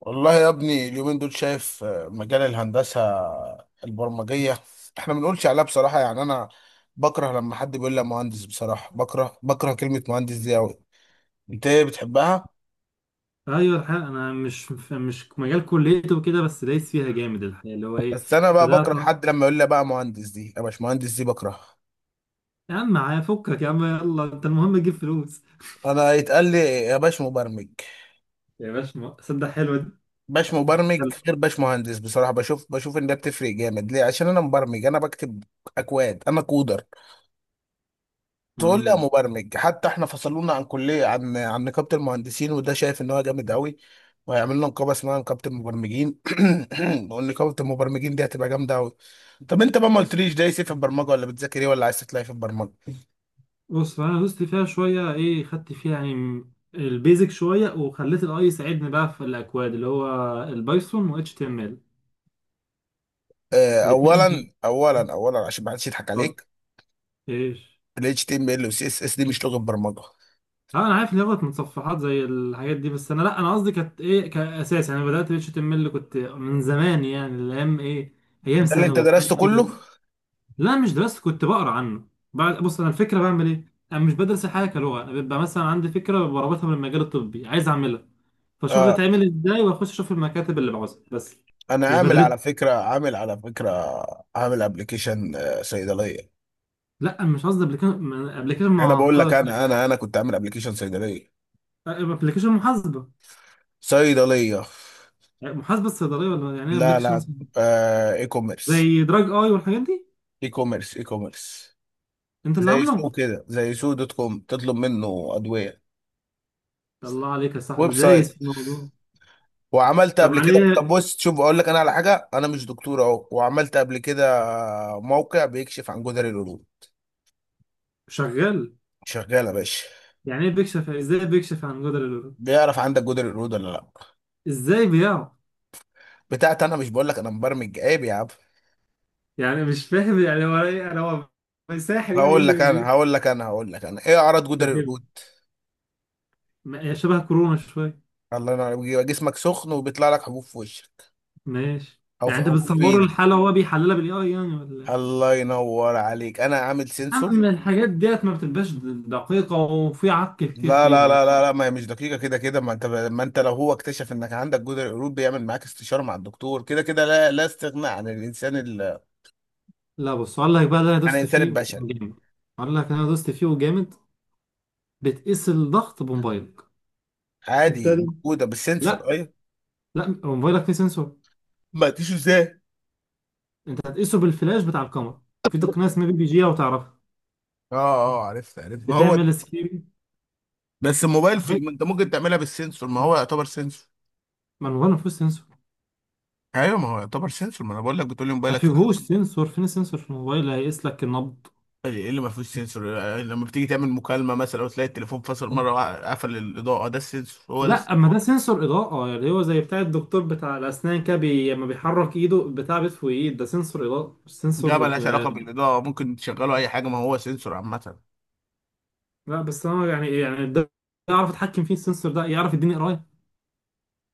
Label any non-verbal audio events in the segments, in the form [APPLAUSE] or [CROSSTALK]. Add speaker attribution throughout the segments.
Speaker 1: والله يا ابني اليومين دول شايف مجال الهندسة البرمجية. احنا ما بنقولش عليها بصراحة، يعني انا بكره لما حد بيقول لي مهندس. بصراحة بكره كلمة مهندس دي قوي. انت ايه بتحبها؟
Speaker 2: ايوه الحقيقه انا مش مجال كليته وكده بس دايس فيها جامد الحقيقه اللي هو ايه
Speaker 1: بس انا بقى
Speaker 2: بدات.
Speaker 1: بكره حد لما يقول لي بقى مهندس دي، يا باش مهندس دي بكره.
Speaker 2: يا عم معايا فكك، يا عم يلا انت المهم تجيب فلوس.
Speaker 1: انا يتقال لي يا باش مبرمج.
Speaker 2: يا باشا، صدق حلوه دي.
Speaker 1: باش مبرمج
Speaker 2: يلا.
Speaker 1: غير باش مهندس، بصراحة بشوف ان ده بتفرق جامد. ليه؟ عشان انا مبرمج، انا بكتب اكواد، انا كودر. تقول لي يا
Speaker 2: امم.
Speaker 1: مبرمج. حتى احنا فصلونا عن كليه، عن نقابه المهندسين، وده شايف ان هو جامد قوي. وهيعمل لنا نقابه اسمها نقابه المبرمجين. [CLEARS THROAT] ونقابه المبرمجين دي هتبقى جامده قوي. طب انت بقى ما قلتليش دايس إيه في البرمجه، ولا بتذاكر ايه، ولا عايز تطلع إيه في البرمجه؟
Speaker 2: بص انا دوست فيها شويه، ايه خدت فيها يعني البيزك شويه وخليت الاي يساعدني بقى في الاكواد، اللي هو البايثون و اتش تي ام ال
Speaker 1: اه،
Speaker 2: الاثنين.
Speaker 1: اولا عشان ما حدش يضحك عليك.
Speaker 2: ايش؟
Speaker 1: ال HTML و CSS دي مش لغه برمجه.
Speaker 2: اه انا عارف ان هي غلط، متصفحات زي الحاجات دي، بس انا لا انا قصدي كانت ايه كاساس يعني. أنا بدات اتش تي ام ال كنت من زمان، يعني الايام ايه، ايام
Speaker 1: ده اللي انت
Speaker 2: ثانوي
Speaker 1: درسته
Speaker 2: حاجه
Speaker 1: كله؟
Speaker 2: كده. لا مش درست، كنت بقرا عنه. بعد بص انا الفكره بعمل ايه، انا مش بدرس الحاجه كلغه، انا بيبقى مثلا عندي فكره بربطها من المجال الطبي عايز اعملها، فاشوف
Speaker 1: اه،
Speaker 2: بتتعمل ازاي واخش اشوف المكاتب اللي بعوزها بس.
Speaker 1: انا
Speaker 2: مش
Speaker 1: عامل على
Speaker 2: بدرسها.
Speaker 1: فكره، عامل ابلكيشن صيدليه.
Speaker 2: لا مش قصدي ابلكيشن، ابلكيشن
Speaker 1: انا بقول لك،
Speaker 2: معقده.
Speaker 1: انا كنت عامل ابلكيشن صيدليه.
Speaker 2: ابلكيشن محاسبه.
Speaker 1: صيدلية.
Speaker 2: يعني محاسبه الصيدليه ولا يعني ايه
Speaker 1: لا
Speaker 2: ابلكيشن؟
Speaker 1: لا، آه
Speaker 2: زي دراج اي والحاجات دي.
Speaker 1: اي كوميرس.
Speaker 2: انت اللي
Speaker 1: زي
Speaker 2: عامله؟
Speaker 1: سوق كده، زي سوق دوت كوم، تطلب منه ادوية.
Speaker 2: الله عليك يا
Speaker 1: ويب
Speaker 2: صاحبي، دايس
Speaker 1: سايت.
Speaker 2: في الموضوع.
Speaker 1: وعملت
Speaker 2: طب
Speaker 1: قبل كده،
Speaker 2: عليه؟
Speaker 1: طب بص شوف اقول لك انا على حاجة، انا مش دكتور اهو، وعملت قبل كده موقع بيكشف عن جدري القرود.
Speaker 2: شغال؟
Speaker 1: شغالة يا باشا.
Speaker 2: يعني ايه بيكشف؟ ازاي بيكشف عن جدر القلوب؟
Speaker 1: بيعرف عندك جدري القرود ولا لا.
Speaker 2: ازاي بيعرف؟
Speaker 1: بتاعت انا مش بقول لك انا مبرمج، عيب يا عم.
Speaker 2: يعني مش فاهم يعني هو ايه، يعني هو ساحر، يعني ايه
Speaker 1: هقول لك
Speaker 2: اللي
Speaker 1: انا
Speaker 2: بي-
Speaker 1: هقول لك انا هقول لك انا ايه اعراض جدري
Speaker 2: فاهم.
Speaker 1: القرود.
Speaker 2: هي شبه كورونا شويه.
Speaker 1: الله ينور عليك. بيبقى جسمك سخن وبيطلع لك حبوب في وشك،
Speaker 2: ماشي،
Speaker 1: او
Speaker 2: يعني
Speaker 1: في
Speaker 2: انت
Speaker 1: حبوب في
Speaker 2: بتصور
Speaker 1: ايدك.
Speaker 2: الحاله وهو بيحللها بالاي اي يعني ولا؟
Speaker 1: الله ينور عليك، انا عامل سنسور.
Speaker 2: اما الحاجات ديت ما بتبقاش دقيقه، وفي عك كتير
Speaker 1: لا لا
Speaker 2: فيها.
Speaker 1: لا لا لا، ما هي مش دقيقه. كده كده، ما انت لو هو اكتشف انك عندك جدر قلوب، بيعمل معاك استشاره مع الدكتور. كده كده لا لا استغناء عن الانسان ال...
Speaker 2: لا بص اقول لك بقى اللي انا
Speaker 1: عن
Speaker 2: دوست
Speaker 1: الانسان
Speaker 2: فيه
Speaker 1: البشري.
Speaker 2: وكان جامد، اقول لك انا دوست فيه وجامد. بتقيس الضغط بموبايلك.
Speaker 1: عادي.
Speaker 2: ابتدى.
Speaker 1: موجوده
Speaker 2: لا.
Speaker 1: بالسنسور، ايوه.
Speaker 2: هو موبايلك فيه سنسور.
Speaker 1: ما تيجي ازاي.
Speaker 2: انت هتقيسه بالفلاش بتاع الكاميرا. في تقنيه اسمها بي بي جي لو تعرفها.
Speaker 1: اه اه، عرفت عرفت، ما هو
Speaker 2: بتعمل سكيب.
Speaker 1: بس الموبايل في، ما انت ممكن تعملها بالسنسور، ما هو يعتبر سنسور.
Speaker 2: ما الموبايل ما فيهوش سنسور.
Speaker 1: ايوه، ما هو يعتبر سنسور، ما انا بقول لك، بتقول لي
Speaker 2: ما
Speaker 1: موبايلك فيه
Speaker 2: فيهوش
Speaker 1: سنسور.
Speaker 2: سنسور، فين السنسور في الموبايل اللي هيقيس لك النبض؟
Speaker 1: ايه اللي ما فيهوش سنسور؟ لما بتيجي تعمل مكالمه مثلا وتلاقي التليفون فصل مره وقفل الاضاءه، ده السنسور هو ده.
Speaker 2: لا اما ده سنسور اضاءه، يعني هو زي بتاع الدكتور بتاع الاسنان كده، لما بيحرك ايده بتاع بيطفو ايد، ده سنسور اضاءه مش
Speaker 1: ده
Speaker 2: سنسور
Speaker 1: ملهاش علاقة
Speaker 2: رج-
Speaker 1: بالإضاءة، ممكن تشغله أي حاجة، ما هو سنسور عامة.
Speaker 2: لا بس انا يعني ده يعرف يتحكم فيه السنسور ده، يعرف يديني قرايه.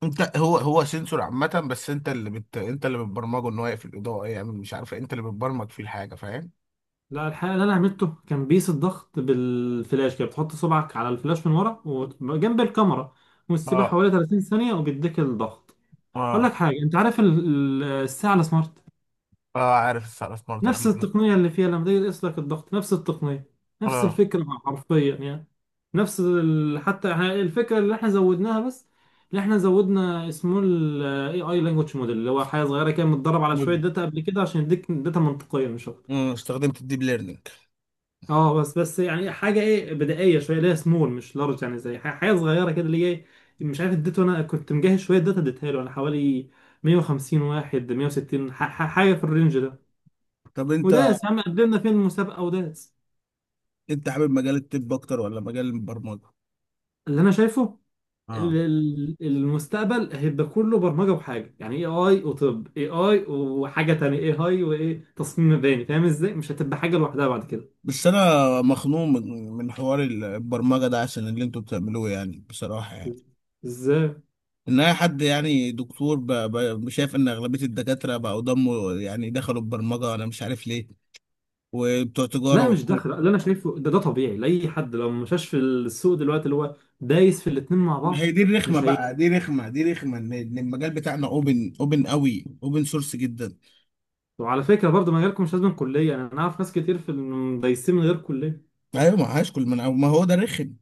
Speaker 1: أنت، هو سنسور عامة، بس أنت اللي بت... أنت اللي بتبرمجه إن هو يقفل الإضاءة، يعمل يعني مش عارف إيه، أنت اللي بتبرمج فيه الحاجة، فاهم؟
Speaker 2: لا الحقيقة اللي أنا عملته كان بيس الضغط بالفلاش كده، بتحط صبعك على الفلاش من ورا وجنب الكاميرا وتسيبها
Speaker 1: اه
Speaker 2: حوالي 30 ثانية وبيديك الضغط. أقول لك
Speaker 1: اه
Speaker 2: حاجة، أنت عارف الساعة السمارت؟
Speaker 1: اه عارف السعر سمارت
Speaker 2: نفس
Speaker 1: أكيد.
Speaker 2: التقنية اللي فيها لما تيجي تقيس لك الضغط، نفس التقنية، نفس
Speaker 1: اه،
Speaker 2: الفكرة حرفيا يعني، نفس ال... حتى احنا الفكرة اللي احنا زودناها، بس اللي احنا زودنا اسمه ال AI Language Model، اللي هو حاجة صغيرة كده متدرب على شوية
Speaker 1: مدمج.
Speaker 2: داتا قبل كده عشان يديك داتا منطقية مش أكتر.
Speaker 1: استخدمت الديب ليرنينج.
Speaker 2: اه بس يعني حاجه ايه بدائيه شويه، اللي هي سمول مش لارج، يعني زي حاجه صغيره كده اللي هي إيه، مش عارف اديته، انا كنت مجهز شويه داتا اديتها له انا، حوالي 150 واحد 160، حاجه في الرينج ده،
Speaker 1: طب أنت
Speaker 2: وداس. يا عم قدمنا فين المسابقه وداس.
Speaker 1: أنت حابب مجال الطب أكتر ولا مجال البرمجة؟
Speaker 2: اللي انا شايفه
Speaker 1: اه،
Speaker 2: المستقبل هيبقى كله برمجه وحاجه، يعني اي اي وطب اي اي وحاجه تانية اي اي وايه تصميم مباني، فاهم ازاي؟ مش هتبقى حاجه لوحدها بعد كده.
Speaker 1: بس أنا مخنوق من حوار البرمجة ده، عشان اللي أنتوا بتعملوه يعني، بصراحة يعني.
Speaker 2: ازاي؟
Speaker 1: ان اي حد يعني دكتور شايف ان اغلبيه الدكاتره بقوا ضموا يعني، دخلوا البرمجه، انا مش عارف ليه، وبتوع تجاره
Speaker 2: لا مش
Speaker 1: وحقوق.
Speaker 2: داخل، اللي انا شايفه ده ده طبيعي لاي حد لو ما مشاش في السوق دلوقتي، اللي هو دايس في الاتنين مع
Speaker 1: ما هي
Speaker 2: بعض.
Speaker 1: دي الرخمه
Speaker 2: مش هي.
Speaker 1: بقى، دي رخمه، دي رخمه، إن المجال بتاعنا اوبن، اوبن قوي، اوبن سورس جدا.
Speaker 2: وعلى فكره برضه مجالكم مش لازم كليه، انا اعرف ناس كتير في دايسين من غير كليه.
Speaker 1: ايوه ما هاش كل من، ما هو ده رخم.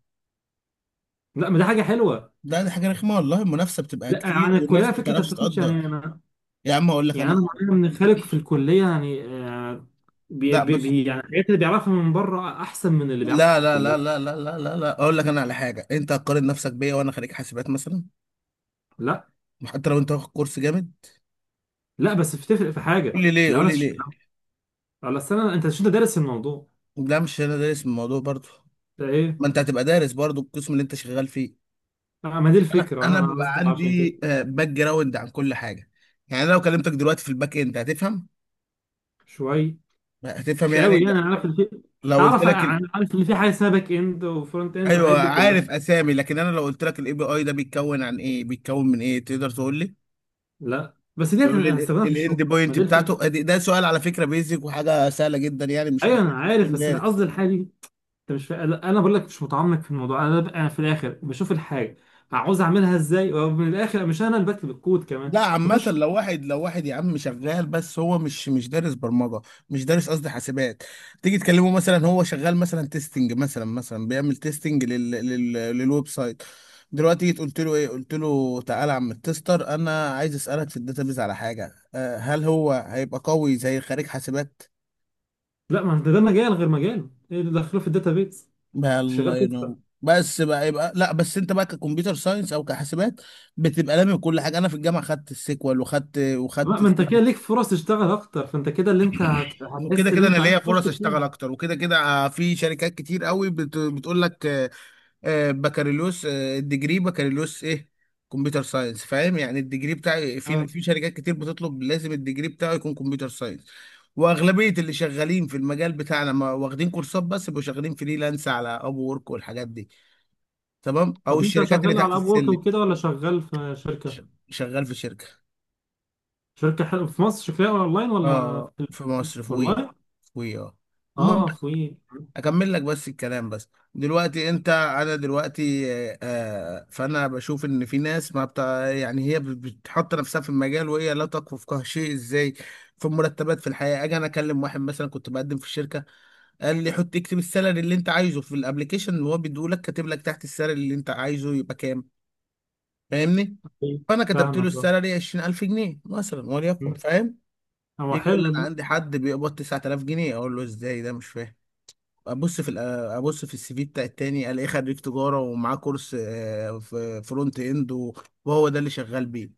Speaker 2: لا ما دي حاجه حلوه.
Speaker 1: لا دي حاجه رخمه والله، المنافسه بتبقى
Speaker 2: لا
Speaker 1: كتير
Speaker 2: عن
Speaker 1: والناس
Speaker 2: الكليه
Speaker 1: ما
Speaker 2: فكره، انت ما
Speaker 1: بتعرفش
Speaker 2: بتاخدش يعني،
Speaker 1: تقدر. يا عم اقول لك انا،
Speaker 2: انا
Speaker 1: [CLEARS THROAT]
Speaker 2: معايا من خالق في الكليه يعني آه،
Speaker 1: لا بس،
Speaker 2: يعني الحاجات اللي بيعرفها من بره احسن من اللي بيعرفها
Speaker 1: لا
Speaker 2: في
Speaker 1: لا لا
Speaker 2: الكليه.
Speaker 1: لا لا لا لا لا، اقول لك انا على حاجه. انت هتقارن نفسك بيا وانا خريج حاسبات مثلا؟
Speaker 2: لا
Speaker 1: حتى لو انت واخد كورس جامد.
Speaker 2: لا بس بتفرق في
Speaker 1: قول
Speaker 2: حاجه
Speaker 1: لي ليه،
Speaker 2: لو
Speaker 1: قول
Speaker 2: انا
Speaker 1: لي ليه.
Speaker 2: على السنه، انت مش انت دارس الموضوع؟
Speaker 1: لا مش انا دارس من الموضوع برضو.
Speaker 2: ده ايه؟
Speaker 1: ما انت هتبقى دارس برضو القسم اللي انت شغال فيه.
Speaker 2: آه، ما دي
Speaker 1: انا
Speaker 2: الفكره،
Speaker 1: انا
Speaker 2: انا
Speaker 1: بيبقى
Speaker 2: قصدي عشان كده.
Speaker 1: عندي باك جراوند عن كل حاجه. يعني أنا لو كلمتك دلوقتي في الباك اند هتفهم،
Speaker 2: شويه،
Speaker 1: هتفهم
Speaker 2: مش
Speaker 1: يعني.
Speaker 2: قوي يعني، انا عارف ان في،
Speaker 1: لو قلت
Speaker 2: اعرف
Speaker 1: لك ال...
Speaker 2: عارف ان في حاجه اسمها باك اند وفرونت اند والحاجات
Speaker 1: ايوه،
Speaker 2: دي كلها.
Speaker 1: عارف اسامي، لكن انا لو قلت لك الاي بي اي ده بيتكون عن ايه، بيتكون من ايه، تقدر تقول لي؟
Speaker 2: لا بس ديت
Speaker 1: تقول
Speaker 2: انا
Speaker 1: لي
Speaker 2: هستخدمها في الشغل.
Speaker 1: الاند
Speaker 2: ما
Speaker 1: بوينت
Speaker 2: دي
Speaker 1: بتاعته
Speaker 2: الفكره،
Speaker 1: ده سؤال على فكره بيزك وحاجه سهله جدا يعني، مش
Speaker 2: ايوه انا
Speaker 1: محتاج
Speaker 2: عارف،
Speaker 1: تكون
Speaker 2: بس أنا قصدي
Speaker 1: دارس.
Speaker 2: الحاجه دي. انت مش فا... لا انا بقول لك مش متعمق في الموضوع، انا ببقى في الاخر بشوف الحاجه عاوز اعملها ازاي، ومن الاخر مش انا اللي بكتب الكود كمان.
Speaker 1: لا عامة
Speaker 2: بخش.
Speaker 1: لو واحد، يا عم شغال بس هو مش دارس برمجة، مش دارس قصدي حاسبات. تيجي تكلمه مثلا، هو شغال مثلا تيستنج، مثلا بيعمل تيستنج لل... لل... للويب سايت. دلوقتي جيت قلت له ايه، قلت له تعالى يا عم التستر، انا عايز اسالك في الداتابيز على حاجة، أه، هل هو هيبقى قوي زي خريج حاسبات؟
Speaker 2: لا ما انت ده مجال غير مجاله، ايه اللي دخله في الداتابيز؟
Speaker 1: بقى الله
Speaker 2: شغال كده؟
Speaker 1: ينور. بس بقى يبقى، لا بس انت بقى ككمبيوتر ساينس او كحاسبات، بتبقى لامي كل حاجه. انا في الجامعه خدت السيكوال، وخدت
Speaker 2: لا
Speaker 1: وخدت،
Speaker 2: ما انت كده ليك فرص تشتغل اكتر، فانت كده اللي انت
Speaker 1: وكده
Speaker 2: هتحس اللي
Speaker 1: كده انا
Speaker 2: انت عايز
Speaker 1: ليا
Speaker 2: تخش
Speaker 1: فرص اشتغل
Speaker 2: فيه.
Speaker 1: اكتر. وكده كده في شركات كتير قوي بت... بتقول لك بكالوريوس، الديجري بكالوريوس ايه؟ كمبيوتر ساينس، فاهم يعني الديجري بتاعي. في
Speaker 2: آه.
Speaker 1: في شركات كتير بتطلب لازم الديجري بتاعه يكون كمبيوتر ساينس. واغلبيه اللي شغالين في المجال بتاعنا، ما واخدين كورسات بس، بيبقوا شغالين فريلانس على اب وورك والحاجات دي، تمام، او
Speaker 2: طب انت
Speaker 1: الشركات اللي
Speaker 2: شغال
Speaker 1: تحت
Speaker 2: على اب وورك
Speaker 1: السلم.
Speaker 2: وكده ولا شغال في شركه؟
Speaker 1: ش- شغال في شركه.
Speaker 2: شركه حلوه، في مصر شكلها اونلاين ولا؟
Speaker 1: اه في مصر، في وي.
Speaker 2: اونلاين.
Speaker 1: في وي، اه. المهم،
Speaker 2: اه في
Speaker 1: اكمل لك بس الكلام بس. دلوقتي انت، انا دلوقتي فانا بشوف ان في ناس ما بتاع يعني، هي بتحط نفسها في المجال وهي لا تكفو في شيء، ازاي في المرتبات، في الحياه. اجي انا اكلم واحد مثلا، كنت بقدم في الشركه، قال لي حط اكتب السالري اللي انت عايزه في الابليكيشن اللي هو بيديه لك، كاتب لك تحت السالري اللي انت عايزه يبقى كام، فاهمني؟
Speaker 2: في-
Speaker 1: فانا كتبت له
Speaker 2: فاهمك اه.
Speaker 1: السالري 20000 جنيه مثلا وليكن،
Speaker 2: م-
Speaker 1: فاهم.
Speaker 2: هو
Speaker 1: يجي يقول لي
Speaker 2: حلو
Speaker 1: انا عندي حد بيقبض 9000 جنيه، اقول له ازاي ده، مش فاهم. ابص في ال- ابص في السي في بتاع التاني، الاقيه خريج تجاره ومعاه كورس في فرونت اند، و- وهو ده اللي شغال بيه.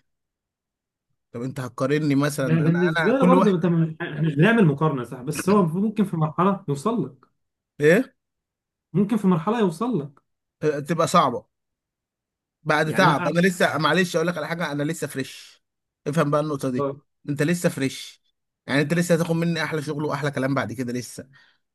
Speaker 1: طب انت هتقارني مثلا؟
Speaker 2: ده
Speaker 1: انا انا
Speaker 2: بالنسبه لي
Speaker 1: كل واحد.
Speaker 2: برضه، انت احنا مش بنعمل مقارنه صح، بس هو ممكن في مرحله يوصل لك،
Speaker 1: ايه؟
Speaker 2: ممكن في مرحله يوصل لك،
Speaker 1: تبقى صعبه بعد
Speaker 2: يعني
Speaker 1: تعب. انا
Speaker 2: أنا-
Speaker 1: لسه معلش، اقول لك على حاجه، انا لسه فريش. افهم بقى النقطه دي.
Speaker 2: اه.
Speaker 1: انت لسه فريش يعني، انت لسه هتاخد مني احلى شغل واحلى كلام بعد كده لسه.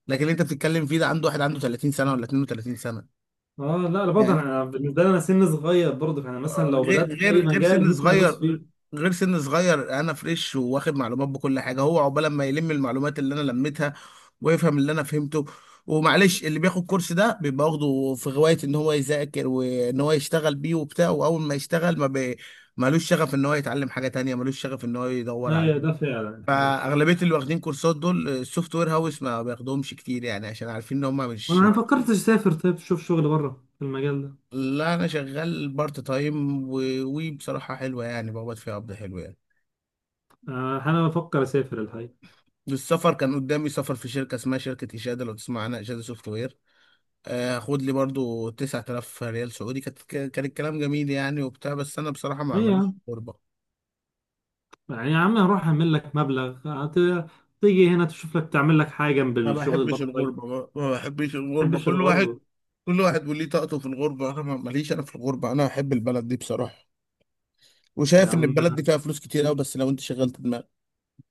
Speaker 1: لكن اللي انت بتتكلم فيه ده، عنده واحد عنده 30 سنه ولا 32 سنه
Speaker 2: آه، لا برضه
Speaker 1: يعني،
Speaker 2: انا بالنسبه لي انا سن صغير برضه، فانا مثلا لو بدات
Speaker 1: غير
Speaker 2: في اي
Speaker 1: غير غير
Speaker 2: مجال
Speaker 1: سن
Speaker 2: ممكن ادوس
Speaker 1: صغير.
Speaker 2: فيه.
Speaker 1: غير سن صغير، انا فريش واخد معلومات بكل حاجه، هو عقبال ما يلم المعلومات اللي انا لميتها ويفهم اللي انا فهمته. ومعلش، اللي بياخد كورس ده بيبقى واخده في غوايه ان هو يذاكر وان هو يشتغل بيه وبتاع، واول ما يشتغل ما بي... مالوش شغف ان هو يتعلم حاجه تانية، مالوش شغف ان هو يدور
Speaker 2: ايوه
Speaker 1: عليها.
Speaker 2: ده فعلا الحقيقه.
Speaker 1: فاغلبيه اللي واخدين كورسات دول، السوفت وير هاوس ما بياخدهمش كتير يعني، عشان عارفين ان هم
Speaker 2: انا
Speaker 1: مش...
Speaker 2: ما فكرتش اسافر، طيب شوف شغل بره في المجال ده.
Speaker 1: لا انا شغال بارت تايم، وبصراحه حلوه يعني، بقبض فيها قبض حلو يعني.
Speaker 2: آه انا بفكر اسافر الحقيقه.
Speaker 1: السفر كان قدامي سفر في شركه اسمها شركه اشاده، لو تسمع عنها، اشاده سوفت وير. هاخد لي برضو 9000 ريال سعودي. كان الكلام جميل يعني وبتاع، بس انا بصراحه ما عمليش
Speaker 2: ايوه،
Speaker 1: غربه،
Speaker 2: يعني يا عم هروح اعمل لك مبلغ، تيجي هنا تشوف لك تعمل لك حاجه جنب
Speaker 1: ما
Speaker 2: الشغل
Speaker 1: بحبش
Speaker 2: البارت تايم.
Speaker 1: الغربه. ما بحبش
Speaker 2: ما
Speaker 1: الغربه.
Speaker 2: بحبش
Speaker 1: كل واحد،
Speaker 2: الغربه.
Speaker 1: كل واحد وليه طاقته في الغربه. انا ماليش انا في الغربه. انا بحب البلد دي بصراحه،
Speaker 2: يا
Speaker 1: وشايف ان
Speaker 2: عم
Speaker 1: البلد دي فيها فلوس كتير قوي، بس لو انت شغلت دماغك.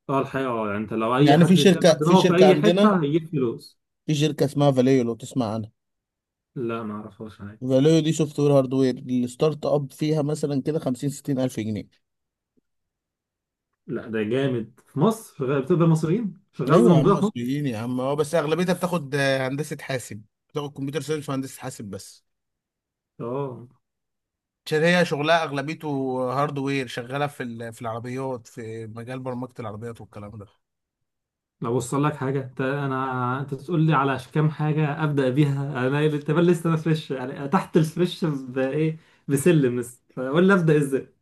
Speaker 2: اه الحقيقه، اه يعني انت لو اي
Speaker 1: يعني في
Speaker 2: حد شغل
Speaker 1: شركه،
Speaker 2: دماغه في اي
Speaker 1: عندنا
Speaker 2: حته هيجيب فلوس.
Speaker 1: في شركه اسمها فاليو، لو تسمع عنها.
Speaker 2: لا ما اعرفهاش حاجه.
Speaker 1: فاليو دي سوفت وير هاردوير، الستارت اب فيها مثلا كده 50 60 الف جنيه.
Speaker 2: لا ده جامد، في مصر شغال؟ بتقبل مصريين؟ شغال قصدي
Speaker 1: ايوه يا عم
Speaker 2: موجوده في مصر.
Speaker 1: مصريين يا عم، اه، بس اغلبيتها بتاخد هندسه حاسب، بتاخد كمبيوتر ساينس وهندسه حاسب بس،
Speaker 2: اه.
Speaker 1: عشان هي شغلها اغلبيته هاردوير، شغاله في ال... في العربيات، في مجال برمجه العربيات والكلام ده.
Speaker 2: لو وصل لك حاجه انت انت تقول لي على كام حاجه ابدا بيها انا، انت بل لسه انا فريش يعني، تحت الفريش بايه، بسلم لسه، فقول لي ابدا ازاي،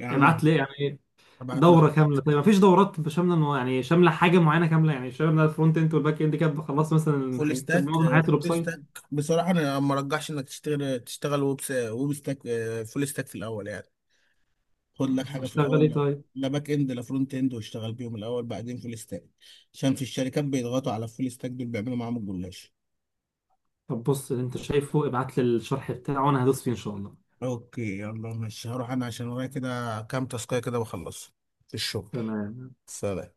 Speaker 1: يا عم
Speaker 2: ابعت لي يعني.
Speaker 1: هبعت لك.
Speaker 2: دورة كاملة، طيب مفيش دورات شاملة يعني، شاملة حاجة معينة كاملة يعني، شاملة الفرونت اند والباك اند كده خلصت مثلا
Speaker 1: فول ستاك،
Speaker 2: معظم حياة الويب
Speaker 1: فول
Speaker 2: سايت.
Speaker 1: ستاك. بصراحه انا ما ارجحش انك تشتغل، تشتغل ويب س... ويب ستاك فول ستاك في الاول يعني، خد لك
Speaker 2: مم،
Speaker 1: حاجه في
Speaker 2: اشتغل
Speaker 1: الاول.
Speaker 2: ايه
Speaker 1: لا،
Speaker 2: طيب؟
Speaker 1: لا باك اند لا فرونت اند، واشتغل بيهم الاول، بعدين فول ستاك. عشان في الشركات بيضغطوا على الفول ستاك دول، بيعملوا معاهم الجلاش.
Speaker 2: طب بص اللي انت شايفه ابعت لي الشرح بتاعه وانا هدوس فيه ان شاء الله.
Speaker 1: اوكي يلا ماشي، هروح انا عشان ورايا كده كام تاسكايه كده واخلص في الشغل.
Speaker 2: تمام.
Speaker 1: سلام.